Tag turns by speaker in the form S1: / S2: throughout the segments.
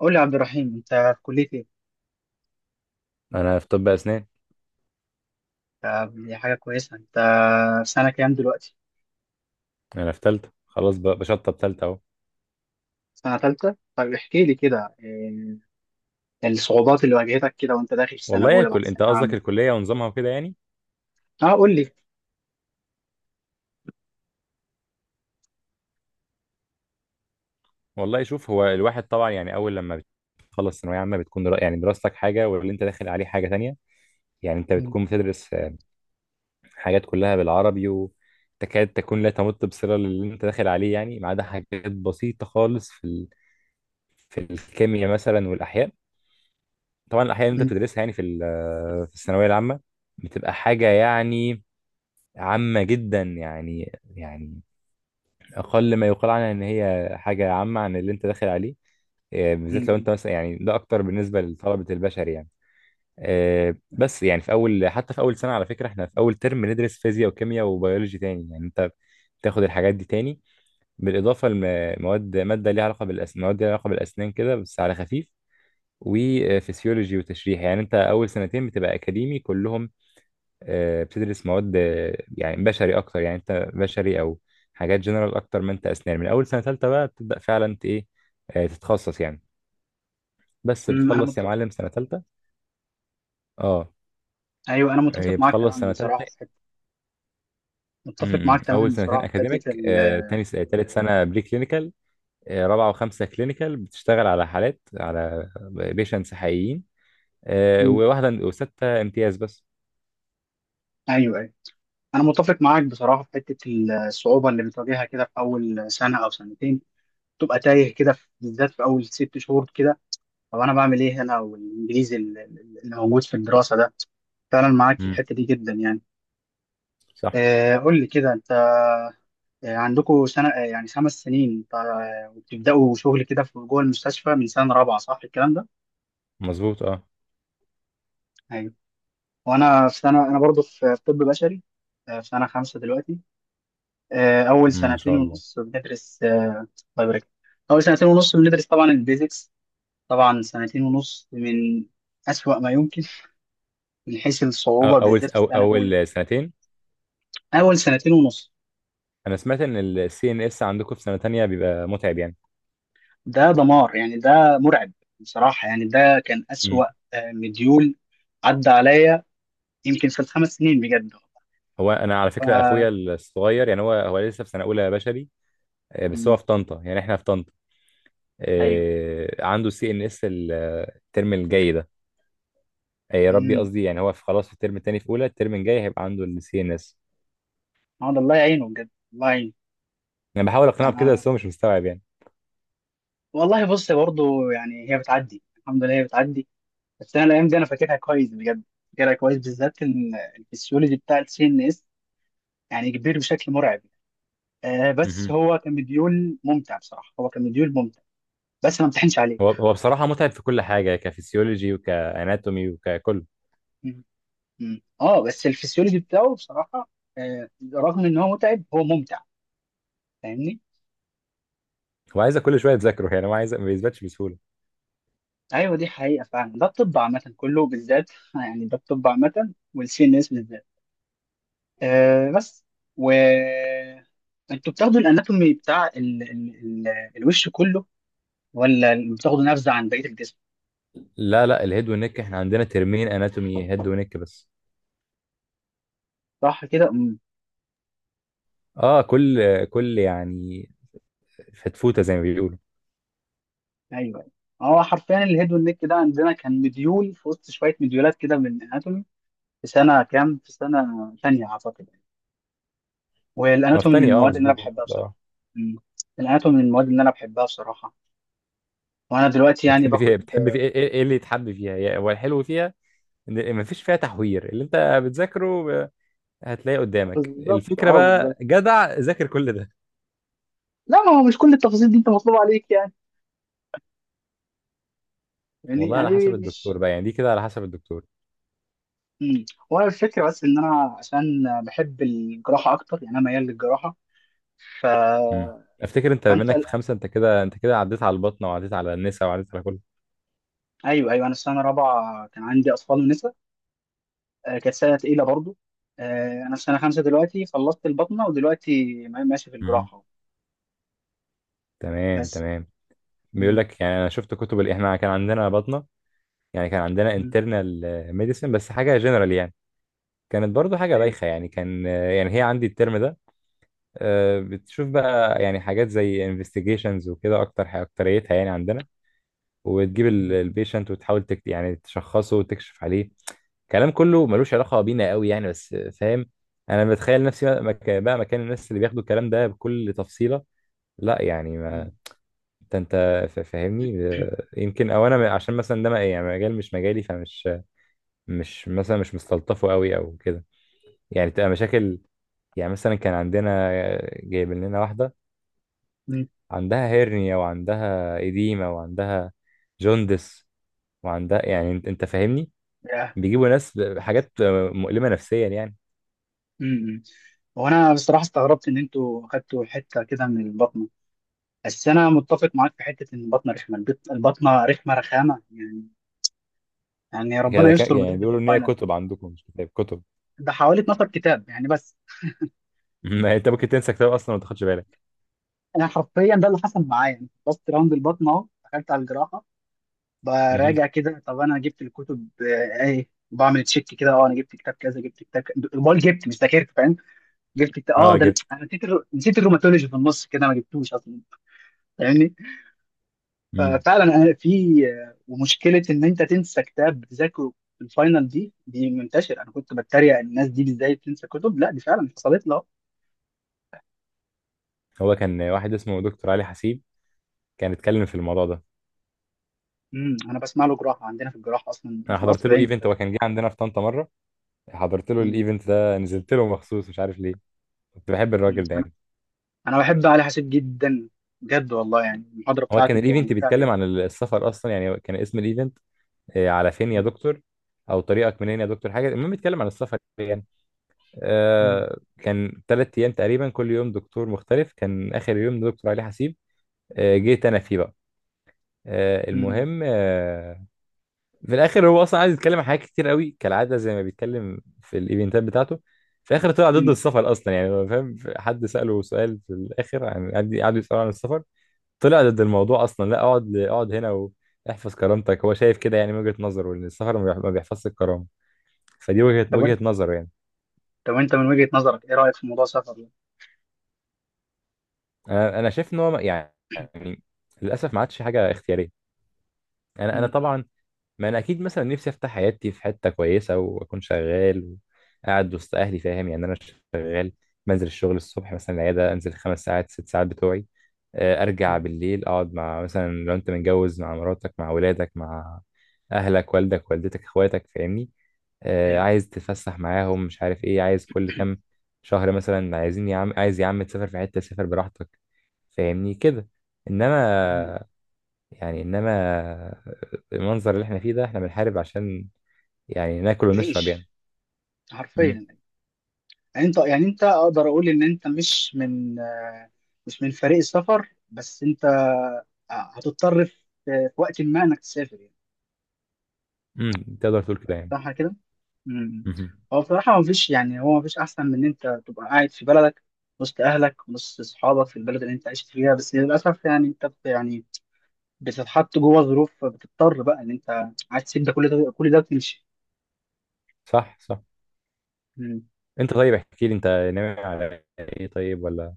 S1: قول لي يا عبد الرحيم انت في كلية ايه؟
S2: انا في طب اسنان.
S1: دي حاجة كويسة. انت في سنة كام دلوقتي؟
S2: انا في ثالثه خلاص، بشطب ثالثه اهو.
S1: سنة تالتة؟ طيب احكي لي كده إيه الصعوبات اللي واجهتك كده وانت داخل في سنة
S2: والله يا
S1: أولى بعد
S2: كل، انت
S1: ثانوية
S2: قصدك
S1: عامة.
S2: الكليه ونظامها وكده يعني.
S1: اه، قول لي.
S2: والله شوف، هو الواحد طبعا يعني اول لما بتخلص ثانويه عامه بتكون يعني دراستك حاجه واللي انت داخل عليه حاجه تانية. يعني انت
S1: م-
S2: بتكون بتدرس حاجات كلها بالعربي وتكاد تكون لا تمت بصله للي انت داخل عليه، يعني ما عدا حاجات بسيطه خالص في الكيمياء مثلا والاحياء. طبعا الاحياء اللي انت
S1: م-
S2: بتدرسها يعني في ال... آه، في الثانويه العامه بتبقى حاجه يعني عامه جدا، يعني أقل ما يقال عنها إن هي حاجة عامة عن اللي أنت داخل عليه. بالذات لو
S1: م-
S2: أنت مثلا، يعني ده أكتر بالنسبة لطلبة البشر يعني.
S1: م-
S2: بس يعني في أول، حتى في أول سنة على فكرة، إحنا في أول ترم ندرس فيزياء وكيمياء وبيولوجي تاني، يعني أنت تاخد الحاجات دي تاني. بالإضافة لمواد، مادة ليها علاقة بالأسنان، مواد ليها علاقة بالأسنان كده بس على خفيف، وفسيولوجي وتشريح. يعني أنت أول سنتين بتبقى أكاديمي كلهم. بتدرس مواد يعني بشري اكتر، يعني انت بشري او حاجات جنرال اكتر ما انت اسنان. من اول سنه ثالثه بقى بتبدا فعلا انت ايه، تتخصص يعني. بس
S1: م- انا
S2: بتخلص يا
S1: مت...
S2: معلم سنه ثالثه. اه،
S1: ايوه، انا
S2: هي
S1: متفق معاك
S2: بتخلص
S1: تماما
S2: سنه
S1: بصراحة
S2: ثالثه.
S1: في حتة. متفق معاك
S2: اول
S1: تماما
S2: سنتين
S1: بصراحة في حتة
S2: اكاديميك،
S1: ال
S2: تاني ثالث سنه بري كلينيكال، رابعه وخمسه كلينيكال بتشتغل على حالات، على بيشنتس حقيقيين،
S1: م.
S2: وواحده وسته امتياز بس.
S1: ايوه ايوه، انا متفق معاك بصراحة في حتة الصعوبة اللي بتواجهها كده في أول سنة أو سنتين. تبقى تايه كده بالذات في أول ست شهور كده، او انا بعمل ايه هنا، والانجليزي اللي موجود في الدراسه ده. فعلا معاك في
S2: امم،
S1: الحته دي جدا يعني.
S2: صح،
S1: قول لي كده انت، عندكم سنه، يعني خمس سنين وبتبداوا شغل كده في جوه المستشفى من سنه رابعه، صح الكلام ده؟
S2: مظبوط اه.
S1: ايوه. وانا في سنه، انا برضو في طب بشري، في سنه خمسه دلوقتي. اول
S2: مم، ما
S1: سنتين
S2: شاء الله.
S1: ونص بندرس بايوميديكال. اول سنتين ونص بندرس طبعا البيزكس، طبعا سنتين ونص من أسوأ ما يمكن من حيث الصعوبة بالذات في
S2: أو
S1: سنة أولى.
S2: اول سنتين.
S1: أول سنتين ونص.
S2: انا سمعت ان السي ان اس عندكم في سنه تانية بيبقى متعب يعني.
S1: ده دمار يعني، ده مرعب بصراحة، يعني ده كان
S2: امم.
S1: أسوأ مديول عدى عليا يمكن في الخمس سنين بجد.
S2: هو انا على
S1: ف
S2: فكره اخويا الصغير، يعني هو لسه في سنه اولى بشري. بس هو
S1: مم.
S2: في طنطا، يعني احنا في طنطا.
S1: أيوه.
S2: عنده السي ان اس الترم الجاي ده. يا ربي،
S1: امم،
S2: قصدي يعني هو في خلاص في الترم التاني في اولى، الترم الجاي هيبقى عنده السي ان اس.
S1: هذا الله يعينه بجد، الله يعينه.
S2: انا بحاول اقنعه بكده،
S1: أنا
S2: بس هو مش مستوعب يعني.
S1: والله بص برضه، يعني هي بتعدي الحمد لله، هي بتعدي. بس أنا الأيام دي أنا فاكرها كويس بجد، فاكرها كويس بالذات إن الفسيولوجي بتاع السي إن إس يعني كبير بشكل مرعب. آه، بس
S2: مهم.
S1: هو كان مديول ممتع بصراحة، هو كان مديول ممتع، بس ما امتحنش عليه.
S2: هو بصراحه متعب في كل حاجه، كفسيولوجي وكاناتومي وككل.
S1: مم. اه، بس الفسيولوجي بتاعه بصراحه، آه، رغم ان هو متعب هو ممتع. فاهمني؟
S2: هو عايزك كل شويه تذاكره، يعني هو عايز، ما بيثبتش بسهوله.
S1: ايوه، دي حقيقه فعلا، ده الطب عامه كله بالذات يعني، ده الطب عامه والسي ان اس بالذات. آه بس و انتوا بتاخدوا الاناتومي بتاع ال... الوش كله، ولا بتاخدوا نبذه عن بقيه الجسم؟
S2: لا، لا، الهيد والنك، احنا عندنا ترمين اناتومي هيد ونك بس.
S1: صح كده. امم.
S2: اه، كل يعني فتفوته زي ما بيقولوا.
S1: ايوه، هو حرفيا الهيد والنك ده عندنا كان مديول في وسط شويه مديولات كده من الاناتومي، في سنه كام، في سنه ثانيه اعتقد. والاناتومي من
S2: مفتني اه،
S1: المواد اللي انا
S2: مظبوط
S1: بحبها
S2: اه.
S1: بصراحه. مم. الاناتومي من المواد اللي انا بحبها بصراحه، وانا دلوقتي يعني
S2: بتحب
S1: باخد.
S2: فيها بتحب فيها ايه، إيه اللي يتحب فيها، هو الحلو فيها ان ما فيش فيها تحوير. اللي انت بتذاكره هتلاقيه قدامك.
S1: بالظبط
S2: الفكره
S1: اه،
S2: بقى،
S1: بالظبط.
S2: جدع ذاكر كل ده.
S1: لا، ما هو مش كل التفاصيل دي انت مطلوب عليك يعني يعني
S2: والله على
S1: يعني
S2: حسب
S1: مش.
S2: الدكتور بقى، يعني دي كده على حسب الدكتور.
S1: مم. هو الفكره بس ان انا عشان بحب الجراحه اكتر، يعني انا ميال للجراحه. ف
S2: امم. افتكر انت بما
S1: فانت
S2: انك في خمسه، انت كده، انت كده عديت على البطنه وعديت على النساء وعديت على كل.
S1: ايوه ايوه، انا السنه الرابعه كان عندي اطفال ونساء، كانت سنه تقيله برضو. انا في سنه خمسه دلوقتي، خلصت البطنه ودلوقتي ماشي في
S2: امم،
S1: الجراحه.
S2: تمام،
S1: بس.
S2: تمام. بيقول
S1: مم.
S2: لك يعني، انا شفت كتب احنا كان عندنا بطنه، يعني كان عندنا
S1: مم.
S2: انترنال ميديسن، بس حاجه جنرال يعني. كانت برضو حاجة
S1: ايوه.
S2: بايخة يعني، كان يعني هي عندي الترم ده. بتشوف بقى يعني حاجات زي investigations وكده، أكتر حاجة أكتريتها يعني عندنا، وتجيب
S1: مم.
S2: البيشنت وتحاول تكت، يعني تشخصه وتكشف عليه. كلام كله ملوش علاقة بينا قوي يعني، بس فاهم. أنا بتخيل نفسي بقى مكان الناس اللي بياخدوا الكلام ده بكل تفصيلة. لا يعني ما،
S1: مم.
S2: أنت فاهمني. يمكن، أو أنا عشان مثلا ده يعني مجال مش مجالي، فمش مش مثلا مش مستلطفه قوي أو كده. يعني تبقى مشاكل. يعني مثلا كان عندنا جايبين لنا واحدة
S1: مم.
S2: عندها هيرنيا وعندها إديمة وعندها جوندس وعندها، يعني انت فاهمني.
S1: ياه.
S2: بيجيبوا ناس بحاجات مؤلمة نفسيا يعني.
S1: مم. هو انا بصراحه استغربت ان انتوا خدتوا حته كده من البطنه، بس انا متفق معاك في حته ان البطنه رخمه، البطنه رخمه رخامه يعني. يعني ربنا
S2: كده
S1: يستر
S2: يعني
S1: بجد في
S2: بيقولوا ان هي
S1: الفاينل،
S2: كتب عندكم، مش كتاب، كتب.
S1: ده حوالي 12 كتاب يعني بس.
S2: ما انت ممكن تنسى كتاب اصلا وما تاخدش بالك.
S1: انا حرفيا ده اللي حصل معايا، انا خلصت راوند البطنه اهو، دخلت على الجراحه
S2: مهم.
S1: براجع كده. طب انا جبت الكتب ايه، وبعمل تشيك كده، اه انا جبت كتاب كذا، جبت بقول جبت مش ذاكرت فاهم. جبت كتاب اه،
S2: اه
S1: ده انا
S2: كده.
S1: أنا نسيت نسيت الروماتولوجي في النص كده، ما جبتوش اصلا. فاهمني؟
S2: مم.
S1: ففعلا أنا في ومشكله ان انت تنسى كتاب بتذاكره في الفاينل دي، دي منتشر، انا كنت بتريق الناس دي ازاي بتنسى كتب، لا دي فعلا حصلت له.
S2: هو كان واحد اسمه دكتور علي حسيب، كان اتكلم في الموضوع ده.
S1: امم، انا بسمع له جراحه عندنا في الجراحه اصلا، انا
S2: انا
S1: في القصر
S2: حضرت له
S1: العيني على
S2: ايفنت، هو
S1: فكره.
S2: كان جه عندنا في طنطا مره، حضرت له
S1: أمم.
S2: الايفنت ده، نزلت له مخصوص، مش عارف ليه. كنت بحب
S1: أمم.
S2: الراجل ده
S1: انا
S2: يعني.
S1: انا بحب علي حسيب جدا، بجد والله يعني المحاضره
S2: هو كان
S1: بتاعته بتبقى
S2: الايفنت
S1: ممتعه
S2: بيتكلم
S1: جدا.
S2: عن السفر اصلا، يعني كان اسم الايفنت على فين يا
S1: أمم.
S2: دكتور، او طريقك منين يا دكتور، حاجه. المهم بيتكلم عن السفر يعني.
S1: أمم.
S2: كان 3 ايام تقريبا، كل يوم دكتور مختلف، كان اخر يوم دكتور علي حسيب. جيت انا فيه بقى.
S1: أمم.
S2: المهم، في الاخر هو اصلا عايز يتكلم عن حاجات كتير قوي، كالعاده زي ما بيتكلم في الايفنتات بتاعته. في الاخر طلع ضد
S1: أمم.
S2: السفر اصلا، يعني هو فاهم، حد ساله سؤال في الاخر عن، قعدوا يسالوا عن السفر. طلع ضد الموضوع اصلا، لا اقعد، اقعد هنا واحفظ كرامتك. هو شايف كده يعني، من وجهة نظره ان السفر ما بيحفظش الكرامة. فدي وجهة
S1: طب
S2: وجهة
S1: وانت،
S2: نظره يعني.
S1: طب وانت من وجهه نظرك ايه رايك في موضوع السفر ده؟
S2: انا شايف ان هو يعني للاسف ما عادش حاجة اختيارية. انا
S1: أمم.
S2: طبعا، ما انا اكيد مثلا نفسي افتح حياتي في حتة كويسة، واكون شغال وقاعد وسط اهلي، فاهم يعني. انا شغال، بنزل الشغل الصبح مثلا، العيادة انزل 5 ساعات 6 ساعات بتوعي، ارجع
S1: أمم.
S2: بالليل، اقعد مع، مثلا لو انت متجوز مع مراتك مع ولادك مع اهلك والدك والدتك اخواتك، فاهمني.
S1: ايوه.
S2: عايز تتفسح معاهم، مش عارف ايه، عايز كل كام شهر مثلا، عايزين يا عم، عايز يا عم تسافر في حتة، سافر براحتك، فاهمني كده.
S1: أمم.
S2: انما، يعني انما المنظر اللي احنا فيه ده، احنا بنحارب عشان، يعني ناكل ونشرب يعني.
S1: تعيش،
S2: مم.
S1: حرفيا. يعني انت، يعني انت اقدر اقول ان انت مش من مش من فريق السفر، بس انت هتضطر في وقت ما انك تسافر يعني،
S2: امم، تقدر تقول كده يعني.
S1: صح كده؟ امم.
S2: مهم.
S1: هو بصراحة مفيش، يعني هو مفيش أحسن من إن أنت تبقى قاعد في بلدك، وسط أهلك وسط أصحابك في البلد اللي أنت عشت فيها، بس للأسف يعني يعني بتتحط جوه ظروف، بتضطر بقى إن أنت عايز تسيب ده، كل ده كل ده وتمشي.
S2: صح، صح.
S1: مم.
S2: انت، طيب احكي لي انت، ناوي على ايه طيب، ولا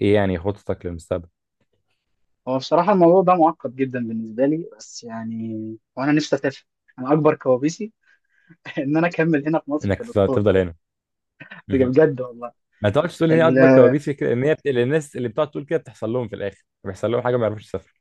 S2: ايه يعني، خططك للمستقبل
S1: هو بصراحة الموضوع ده معقد جدا بالنسبة لي، بس يعني وأنا نفسي أسافر. أنا أكبر كوابيسي ان انا اكمل هنا في مصر
S2: انك تفضل
S1: كدكتور.
S2: تفضل هنا؟
S1: بجد والله.
S2: ما تقعدش تقول ان هي
S1: ال-
S2: اكبر كوابيس، هي كده ان لأن الناس اللي بتقعد تقول كده بتحصل لهم في الاخر، بيحصل لهم حاجه ما يعرفوش يسافروا.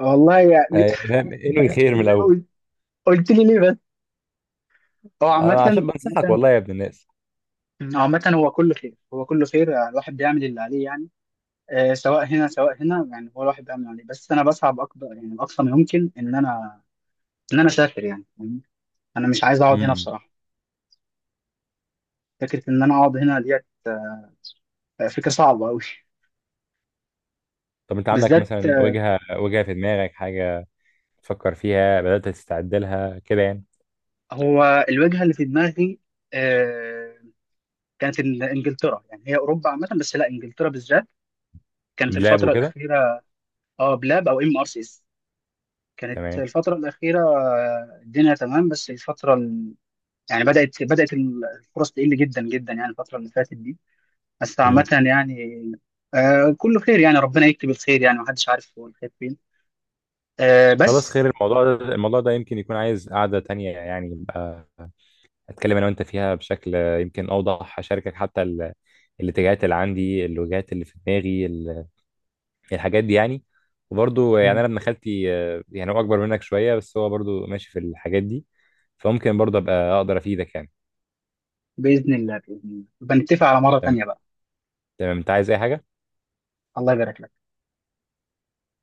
S1: والله يعني.
S2: فاهم، انوي خير من الاول.
S1: قلت لي ليه بس. هو عامة،
S2: عشان بنصحك
S1: عامة،
S2: والله يا ابن الناس.
S1: عامة هو كله خير، هو كله خير، الواحد بيعمل اللي عليه يعني. سواء هنا سواء هنا يعني، هو الواحد بيعمل اللي عليه، بس انا بسعى اكبر يعني، اقصى ما يمكن ان انا ان انا اسافر يعني، فاهمني؟ انا مش عايز اقعد هنا
S2: امم.
S1: بصراحة. فكرة ان انا اقعد هنا ديت، فكرة صعبة قوي
S2: طب انت عندك
S1: بالذات.
S2: مثلا وجهه في دماغك، حاجه تفكر فيها، بدات تستعد لها كده يعني؟
S1: هو الوجهة اللي في دماغي، آه، كانت انجلترا، يعني هي اوروبا عامه بس لا، انجلترا بالذات. كانت
S2: بلاب
S1: الفتره
S2: وكده.
S1: الاخيره. اه بلاب او ام ار سي اس. كانت
S2: تمام.
S1: الفتره الاخيره الدنيا تمام، بس الفتره ال... يعني بدات الفرص تقل جدا جدا يعني الفتره اللي فاتت دي، بس عامه
S2: امم.
S1: يعني. آه، كله خير يعني، ربنا يكتب الخير يعني، محدش عارف هو الخير فين. آه
S2: خلاص
S1: بس.
S2: خير. الموضوع ده، الموضوع ده يمكن يكون عايز قعده تانية يعني، يبقى اتكلم انا وانت فيها بشكل يمكن اوضح، اشاركك حتى الاتجاهات اللي عندي، الوجهات اللي في دماغي، الحاجات دي يعني. وبرضه يعني انا ابن خالتي، يعني هو اكبر منك شويه، بس هو برضه ماشي في الحاجات دي، فممكن برضه ابقى اقدر افيدك يعني.
S1: باذن الله باذن الله، بنتفق على مره
S2: تمام.
S1: تانيه بقى.
S2: تمام، انت عايز اي حاجه؟
S1: الله يبارك لك.